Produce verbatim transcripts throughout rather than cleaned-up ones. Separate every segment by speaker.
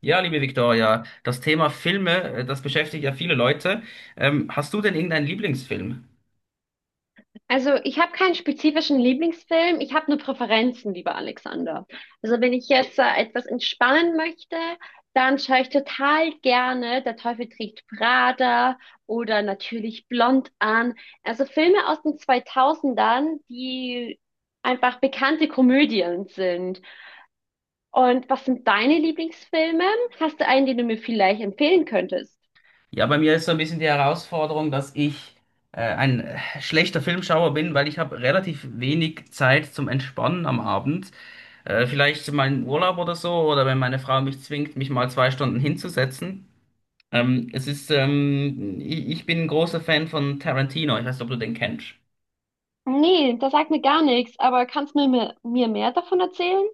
Speaker 1: Ja, liebe Viktoria, das Thema Filme, äh, das beschäftigt ja viele Leute. Ähm, hast du denn irgendeinen Lieblingsfilm?
Speaker 2: Also ich habe keinen spezifischen Lieblingsfilm, ich habe nur Präferenzen, lieber Alexander. Also wenn ich jetzt äh, etwas entspannen möchte, dann schaue ich total gerne Der Teufel trägt Prada oder natürlich Blond an. Also Filme aus den zweitausendern, die einfach bekannte Komödien sind. Und was sind deine Lieblingsfilme? Hast du einen, den du mir vielleicht empfehlen könntest?
Speaker 1: Ja, bei mir ist so ein bisschen die Herausforderung, dass ich äh, ein äh, schlechter Filmschauer bin, weil ich habe relativ wenig Zeit zum Entspannen am Abend. Äh, vielleicht mal im Urlaub oder so, oder wenn meine Frau mich zwingt, mich mal zwei Stunden hinzusetzen. Ähm, es ist, ähm, ich, ich bin ein großer Fan von Tarantino. Ich weiß nicht, ob du den kennst.
Speaker 2: Nee, das sagt mir gar nichts, aber kannst du mir, mir mehr davon erzählen?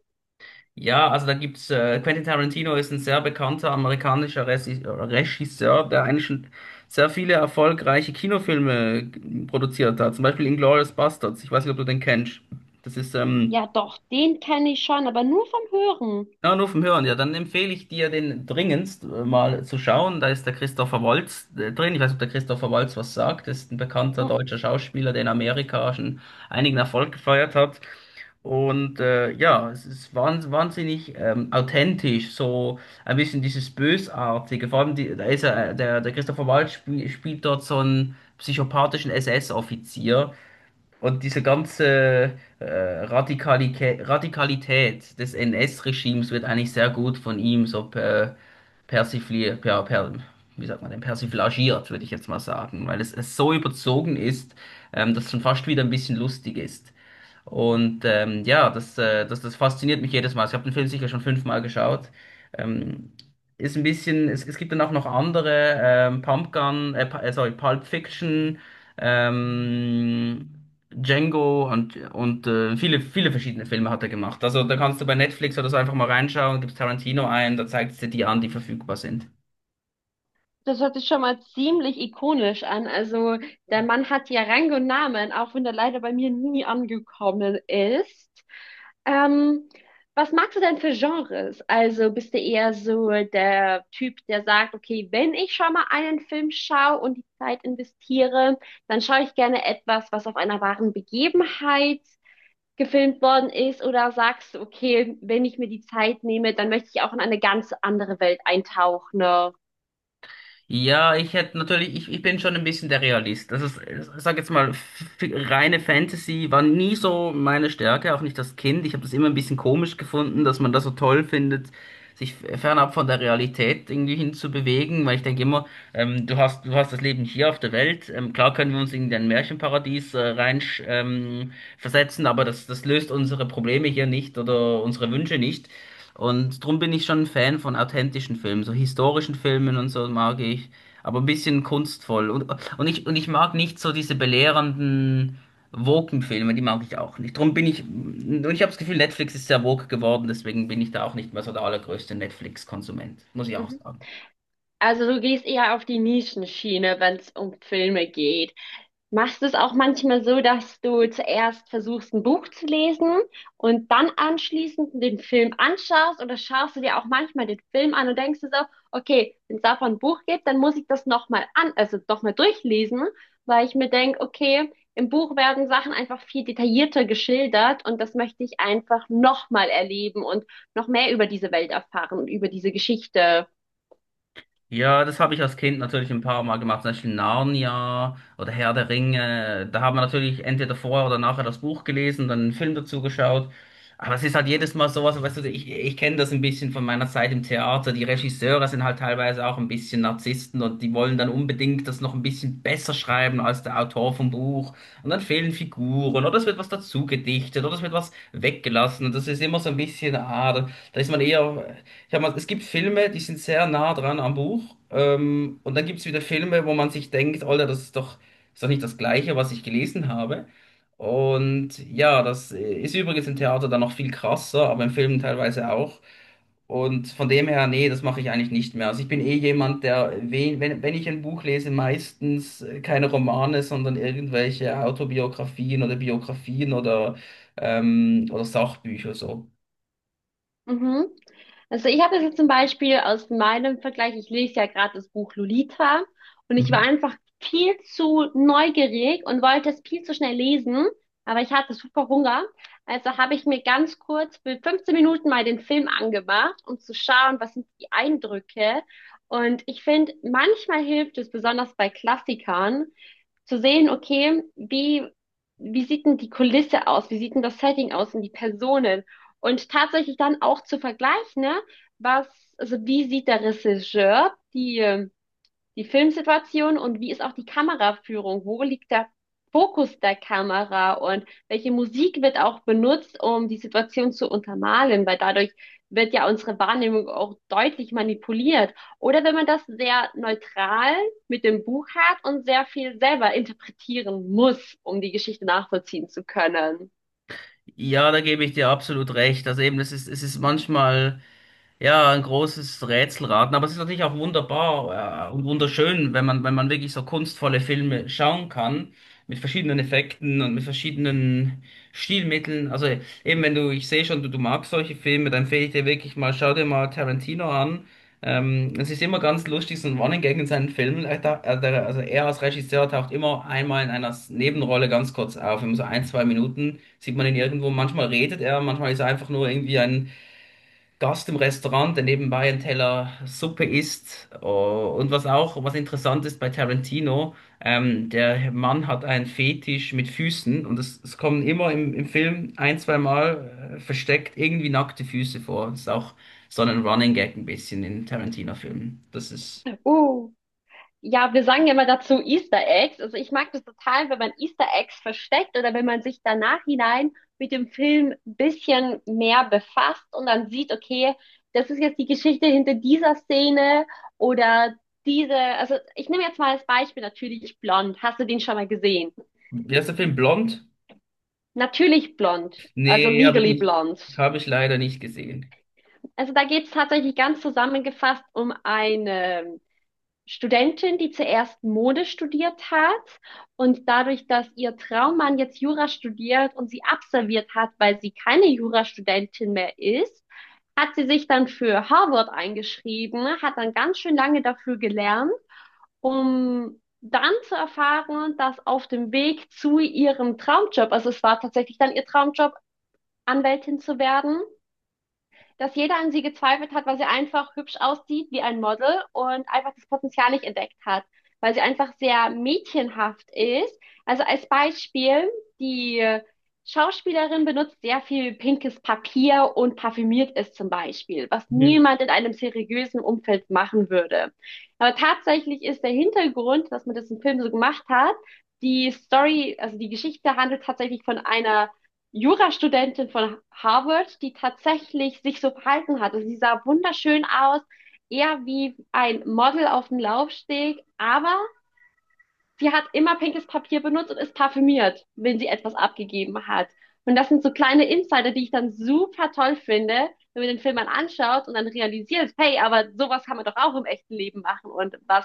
Speaker 1: Ja, also da gibt's äh, Quentin Tarantino ist ein sehr bekannter amerikanischer Resi- Regisseur, der eigentlich schon sehr viele erfolgreiche Kinofilme g- produziert hat. Zum Beispiel Inglourious Basterds. Ich weiß nicht, ob du den kennst. Das ist ähm,
Speaker 2: Ja, doch, den kenne ich schon, aber nur vom Hören.
Speaker 1: ja, nur vom Hören. Ja, dann empfehle ich dir den dringendst äh, mal zu schauen. Da ist der Christopher Waltz äh, drin. Ich weiß nicht, ob der Christopher Waltz was sagt. Das ist ein bekannter
Speaker 2: Hm.
Speaker 1: deutscher Schauspieler, der in Amerika schon einigen Erfolg gefeiert hat. Und äh, ja, es ist wahns- wahnsinnig ähm, authentisch, so ein bisschen dieses Bösartige. Vor allem, die, da ist er, äh, der, der Christopher Waltz spiel, spielt dort so einen psychopathischen S S-Offizier. Und diese ganze äh, Radikalität, Radikalität des N S-Regimes wird eigentlich sehr gut von ihm so per, persifliert, per, per, wie sagt man denn, persiflagiert, würde ich jetzt mal sagen, weil es, es so überzogen ist, ähm, dass es schon fast wieder ein bisschen lustig ist. Und ähm, ja, das, äh, das, das fasziniert mich jedes Mal. Also ich habe den Film sicher schon fünfmal geschaut. Ähm, Ist ein bisschen, es, es gibt dann auch noch andere, ähm, Pumpgun, äh, Pu- äh, sorry, Pulp Fiction, ähm, Django und, und äh, viele, viele verschiedene Filme hat er gemacht. Also da kannst du bei Netflix oder so einfach mal reinschauen, gibst Tarantino ein, da zeigt es dir die an, die verfügbar sind.
Speaker 2: Das hört sich schon mal ziemlich ikonisch an. Also, der Mann hat ja Rang und Namen, auch wenn er leider bei mir nie angekommen ist. Ähm, Was magst du denn für Genres? Also, bist du eher so der Typ, der sagt, okay, wenn ich schon mal einen Film schaue und die Zeit investiere, dann schaue ich gerne etwas, was auf einer wahren Begebenheit gefilmt worden ist, oder sagst du, okay, wenn ich mir die Zeit nehme, dann möchte ich auch in eine ganz andere Welt eintauchen. Ne?
Speaker 1: Ja, ich hätte natürlich, ich, ich bin schon ein bisschen der Realist. Das ist, ich sag jetzt mal, f- reine Fantasy war nie so meine Stärke, auch nicht das Kind. Ich habe das immer ein bisschen komisch gefunden, dass man das so toll findet, sich f- fernab von der Realität irgendwie hinzubewegen, weil ich denke immer, ähm, du hast, du hast das Leben hier auf der Welt. Ähm, klar können wir uns in ein Märchenparadies äh, rein ähm, versetzen, aber das, das löst unsere Probleme hier nicht oder unsere Wünsche nicht. Und drum bin ich schon ein Fan von authentischen Filmen, so historischen Filmen und so mag ich, aber ein bisschen kunstvoll. Und, und ich, und ich mag nicht so diese belehrenden Woken-Filme, die mag ich auch nicht. Drum bin ich, und ich habe das Gefühl, Netflix ist sehr woke geworden, deswegen bin ich da auch nicht mehr so der allergrößte Netflix-Konsument, muss ich auch
Speaker 2: Mhm.
Speaker 1: sagen.
Speaker 2: Also du gehst eher auf die Nischenschiene, wenn es um Filme geht. Machst du es auch manchmal so, dass du zuerst versuchst, ein Buch zu lesen und dann anschließend den Film anschaust, oder schaust du dir auch manchmal den Film an und denkst dir so, okay, wenn es davon ein Buch gibt, dann muss ich das nochmal an, also nochmal durchlesen, weil ich mir denke, okay, im Buch werden Sachen einfach viel detaillierter geschildert und das möchte ich einfach nochmal erleben und noch mehr über diese Welt erfahren und über diese Geschichte.
Speaker 1: Ja, das habe ich als Kind natürlich ein paar Mal gemacht, zum Beispiel Narnia oder Herr der Ringe. Da haben wir natürlich entweder vorher oder nachher das Buch gelesen, dann einen Film dazu geschaut. Aber es ist halt jedes Mal sowas, weißt du, ich, ich kenne das ein bisschen von meiner Zeit im Theater. Die Regisseure sind halt teilweise auch ein bisschen Narzissten und die wollen dann unbedingt das noch ein bisschen besser schreiben als der Autor vom Buch. Und dann fehlen Figuren oder es wird was dazu gedichtet oder es wird was weggelassen. Und das ist immer so ein bisschen, ah, da da ist man eher. Ich hab mal, es gibt Filme, die sind sehr nah dran am Buch. Ähm, und dann gibt es wieder Filme, wo man sich denkt, Alter, das ist doch, ist doch nicht das Gleiche, was ich gelesen habe. Und ja, das ist übrigens im Theater dann noch viel krasser, aber im Film teilweise auch. Und von dem her, nee, das mache ich eigentlich nicht mehr. Also ich bin eh jemand, der, wen- wenn, wenn ich ein Buch lese, meistens äh, keine Romane, sondern irgendwelche Autobiografien oder Biografien oder, ähm, oder Sachbücher so.
Speaker 2: Mhm. Also ich habe das jetzt zum Beispiel aus meinem Vergleich, ich lese ja gerade das Buch Lolita und ich war einfach viel zu neugierig und wollte es viel zu schnell lesen, aber ich hatte super Hunger. Also habe ich mir ganz kurz für fünfzehn Minuten mal den Film angemacht, um zu schauen, was sind die Eindrücke. Und ich finde, manchmal hilft es, besonders bei Klassikern, zu sehen, okay, wie, wie sieht denn die Kulisse aus? Wie sieht denn das Setting aus und die Personen? Und tatsächlich dann auch zu vergleichen, ne, was, also wie sieht der Regisseur die, ähm, die Filmsituation und wie ist auch die Kameraführung? Wo liegt der Fokus der Kamera und welche Musik wird auch benutzt, um die Situation zu untermalen? Weil dadurch wird ja unsere Wahrnehmung auch deutlich manipuliert. Oder wenn man das sehr neutral mit dem Buch hat und sehr viel selber interpretieren muss, um die Geschichte nachvollziehen zu können.
Speaker 1: Ja, da gebe ich dir absolut recht. Also eben, das ist, es ist manchmal. Ja, ein großes Rätselraten, aber es ist natürlich auch wunderbar äh, und wunderschön, wenn man, wenn man wirklich so kunstvolle Filme schauen kann, mit verschiedenen Effekten und mit verschiedenen Stilmitteln. Also eben wenn du, ich sehe schon, du, du magst solche Filme, dann empfehle ich dir wirklich mal, schau dir mal Tarantino an. Ähm, es ist immer ganz lustig, so ein Running Gag in seinen Filmen. Er taucht- er- der- Also er als Regisseur taucht immer einmal in einer Nebenrolle ganz kurz auf, immer so ein, zwei Minuten sieht man ihn irgendwo. Manchmal redet er, manchmal ist er einfach nur irgendwie ein Gast im Restaurant, der nebenbei einen Teller Suppe isst. Oh, und was auch, was interessant ist bei Tarantino, ähm, der Mann hat einen Fetisch mit Füßen und es, es kommen immer im, im Film ein, zwei Mal äh, versteckt irgendwie nackte Füße vor. Das ist auch so ein Running Gag ein bisschen in Tarantino-Filmen. Das ist,
Speaker 2: Uh. Ja, wir sagen ja immer dazu Easter Eggs. Also ich mag das total, wenn man Easter Eggs versteckt oder wenn man sich danach hinein mit dem Film ein bisschen mehr befasst und dann sieht, okay, das ist jetzt die Geschichte hinter dieser Szene oder diese, also ich nehme jetzt mal als Beispiel natürlich Blond. Hast du den schon mal gesehen?
Speaker 1: wie heißt der Film? Blond?
Speaker 2: Natürlich Blond, also
Speaker 1: Nee, habe ich
Speaker 2: Legally
Speaker 1: nicht,
Speaker 2: Blond.
Speaker 1: habe ich leider nicht gesehen.
Speaker 2: Also da geht es tatsächlich ganz zusammengefasst um eine Studentin, die zuerst Mode studiert hat und dadurch, dass ihr Traummann jetzt Jura studiert und sie absolviert hat, weil sie keine Jurastudentin mehr ist, hat sie sich dann für Harvard eingeschrieben, hat dann ganz schön lange dafür gelernt, um dann zu erfahren, dass auf dem Weg zu ihrem Traumjob, also es war tatsächlich dann ihr Traumjob, Anwältin zu werden, dass jeder an sie gezweifelt hat, weil sie einfach hübsch aussieht wie ein Model und einfach das Potenzial nicht entdeckt hat, weil sie einfach sehr mädchenhaft ist. Also als Beispiel, die Schauspielerin benutzt sehr viel pinkes Papier und parfümiert ist zum Beispiel, was
Speaker 1: Mhm.
Speaker 2: niemand in einem seriösen Umfeld machen würde. Aber tatsächlich ist der Hintergrund, dass man das im Film so gemacht hat, die Story, also die Geschichte handelt tatsächlich von einer Jurastudentin von Harvard, die tatsächlich sich so verhalten hat. Also sie sah wunderschön aus, eher wie ein Model auf dem Laufsteg, aber sie hat immer pinkes Papier benutzt und ist parfümiert, wenn sie etwas abgegeben hat. Und das sind so kleine Insider, die ich dann super toll finde, wenn man den Film dann anschaut und dann realisiert, hey, aber sowas kann man doch auch im echten Leben machen. Und was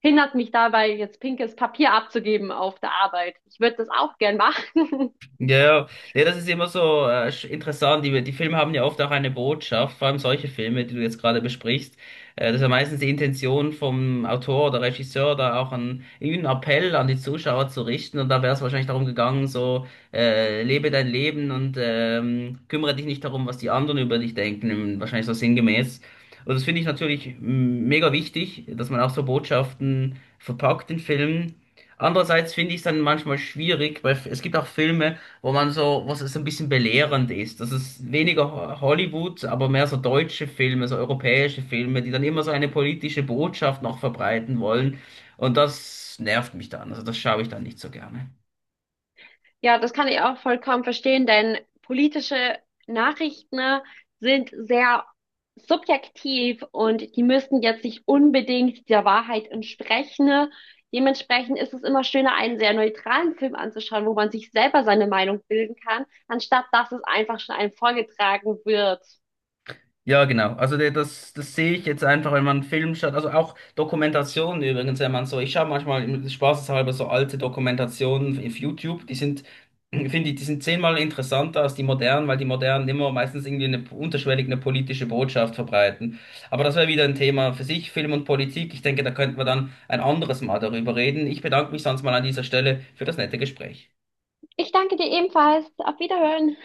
Speaker 2: hindert mich dabei, jetzt pinkes Papier abzugeben auf der Arbeit? Ich würde das auch gern machen.
Speaker 1: Ja, ja, ja, das ist immer so äh, sch- interessant. Die, die Filme haben ja oft auch eine Botschaft, vor allem solche Filme, die du jetzt gerade besprichst. Äh, das ist ja meistens die Intention vom Autor oder Regisseur, da auch einen, einen Appell an die Zuschauer zu richten. Und da wäre es wahrscheinlich darum gegangen, so äh, lebe dein Leben und ähm, kümmere dich nicht darum, was die anderen über dich denken. Wahrscheinlich so sinngemäß. Und das finde ich natürlich m, mega wichtig, dass man auch so Botschaften verpackt in Filmen. Andererseits finde ich es dann manchmal schwierig, weil es gibt auch Filme, wo man so, was es ein bisschen belehrend ist. Das ist weniger Ho- Hollywood, aber mehr so deutsche Filme, so europäische Filme, die dann immer so eine politische Botschaft noch verbreiten wollen. Und das nervt mich dann. Also das schaue ich dann nicht so gerne.
Speaker 2: Ja, das kann ich auch vollkommen verstehen, denn politische Nachrichten, ne, sind sehr subjektiv und die müssen jetzt nicht unbedingt der Wahrheit entsprechen, ne. Dementsprechend ist es immer schöner, einen sehr neutralen Film anzuschauen, wo man sich selber seine Meinung bilden kann, anstatt dass es einfach schon einem vorgetragen wird.
Speaker 1: Ja, genau. Also der- das, das sehe ich jetzt einfach, wenn man einen Film schaut. Also auch Dokumentationen übrigens, wenn man so, ich schaue manchmal im- spaßeshalber so alte Dokumentationen auf YouTube, die sind, finde ich, die sind zehnmal interessanter als die modernen, weil die modernen immer meistens irgendwie eine unterschwellig eine politische Botschaft verbreiten. Aber das wäre wieder ein Thema für sich, Film und Politik. Ich denke, da könnten wir dann ein anderes Mal darüber reden. Ich bedanke mich sonst mal an dieser Stelle für das nette Gespräch.
Speaker 2: Ich danke dir ebenfalls. Auf Wiederhören.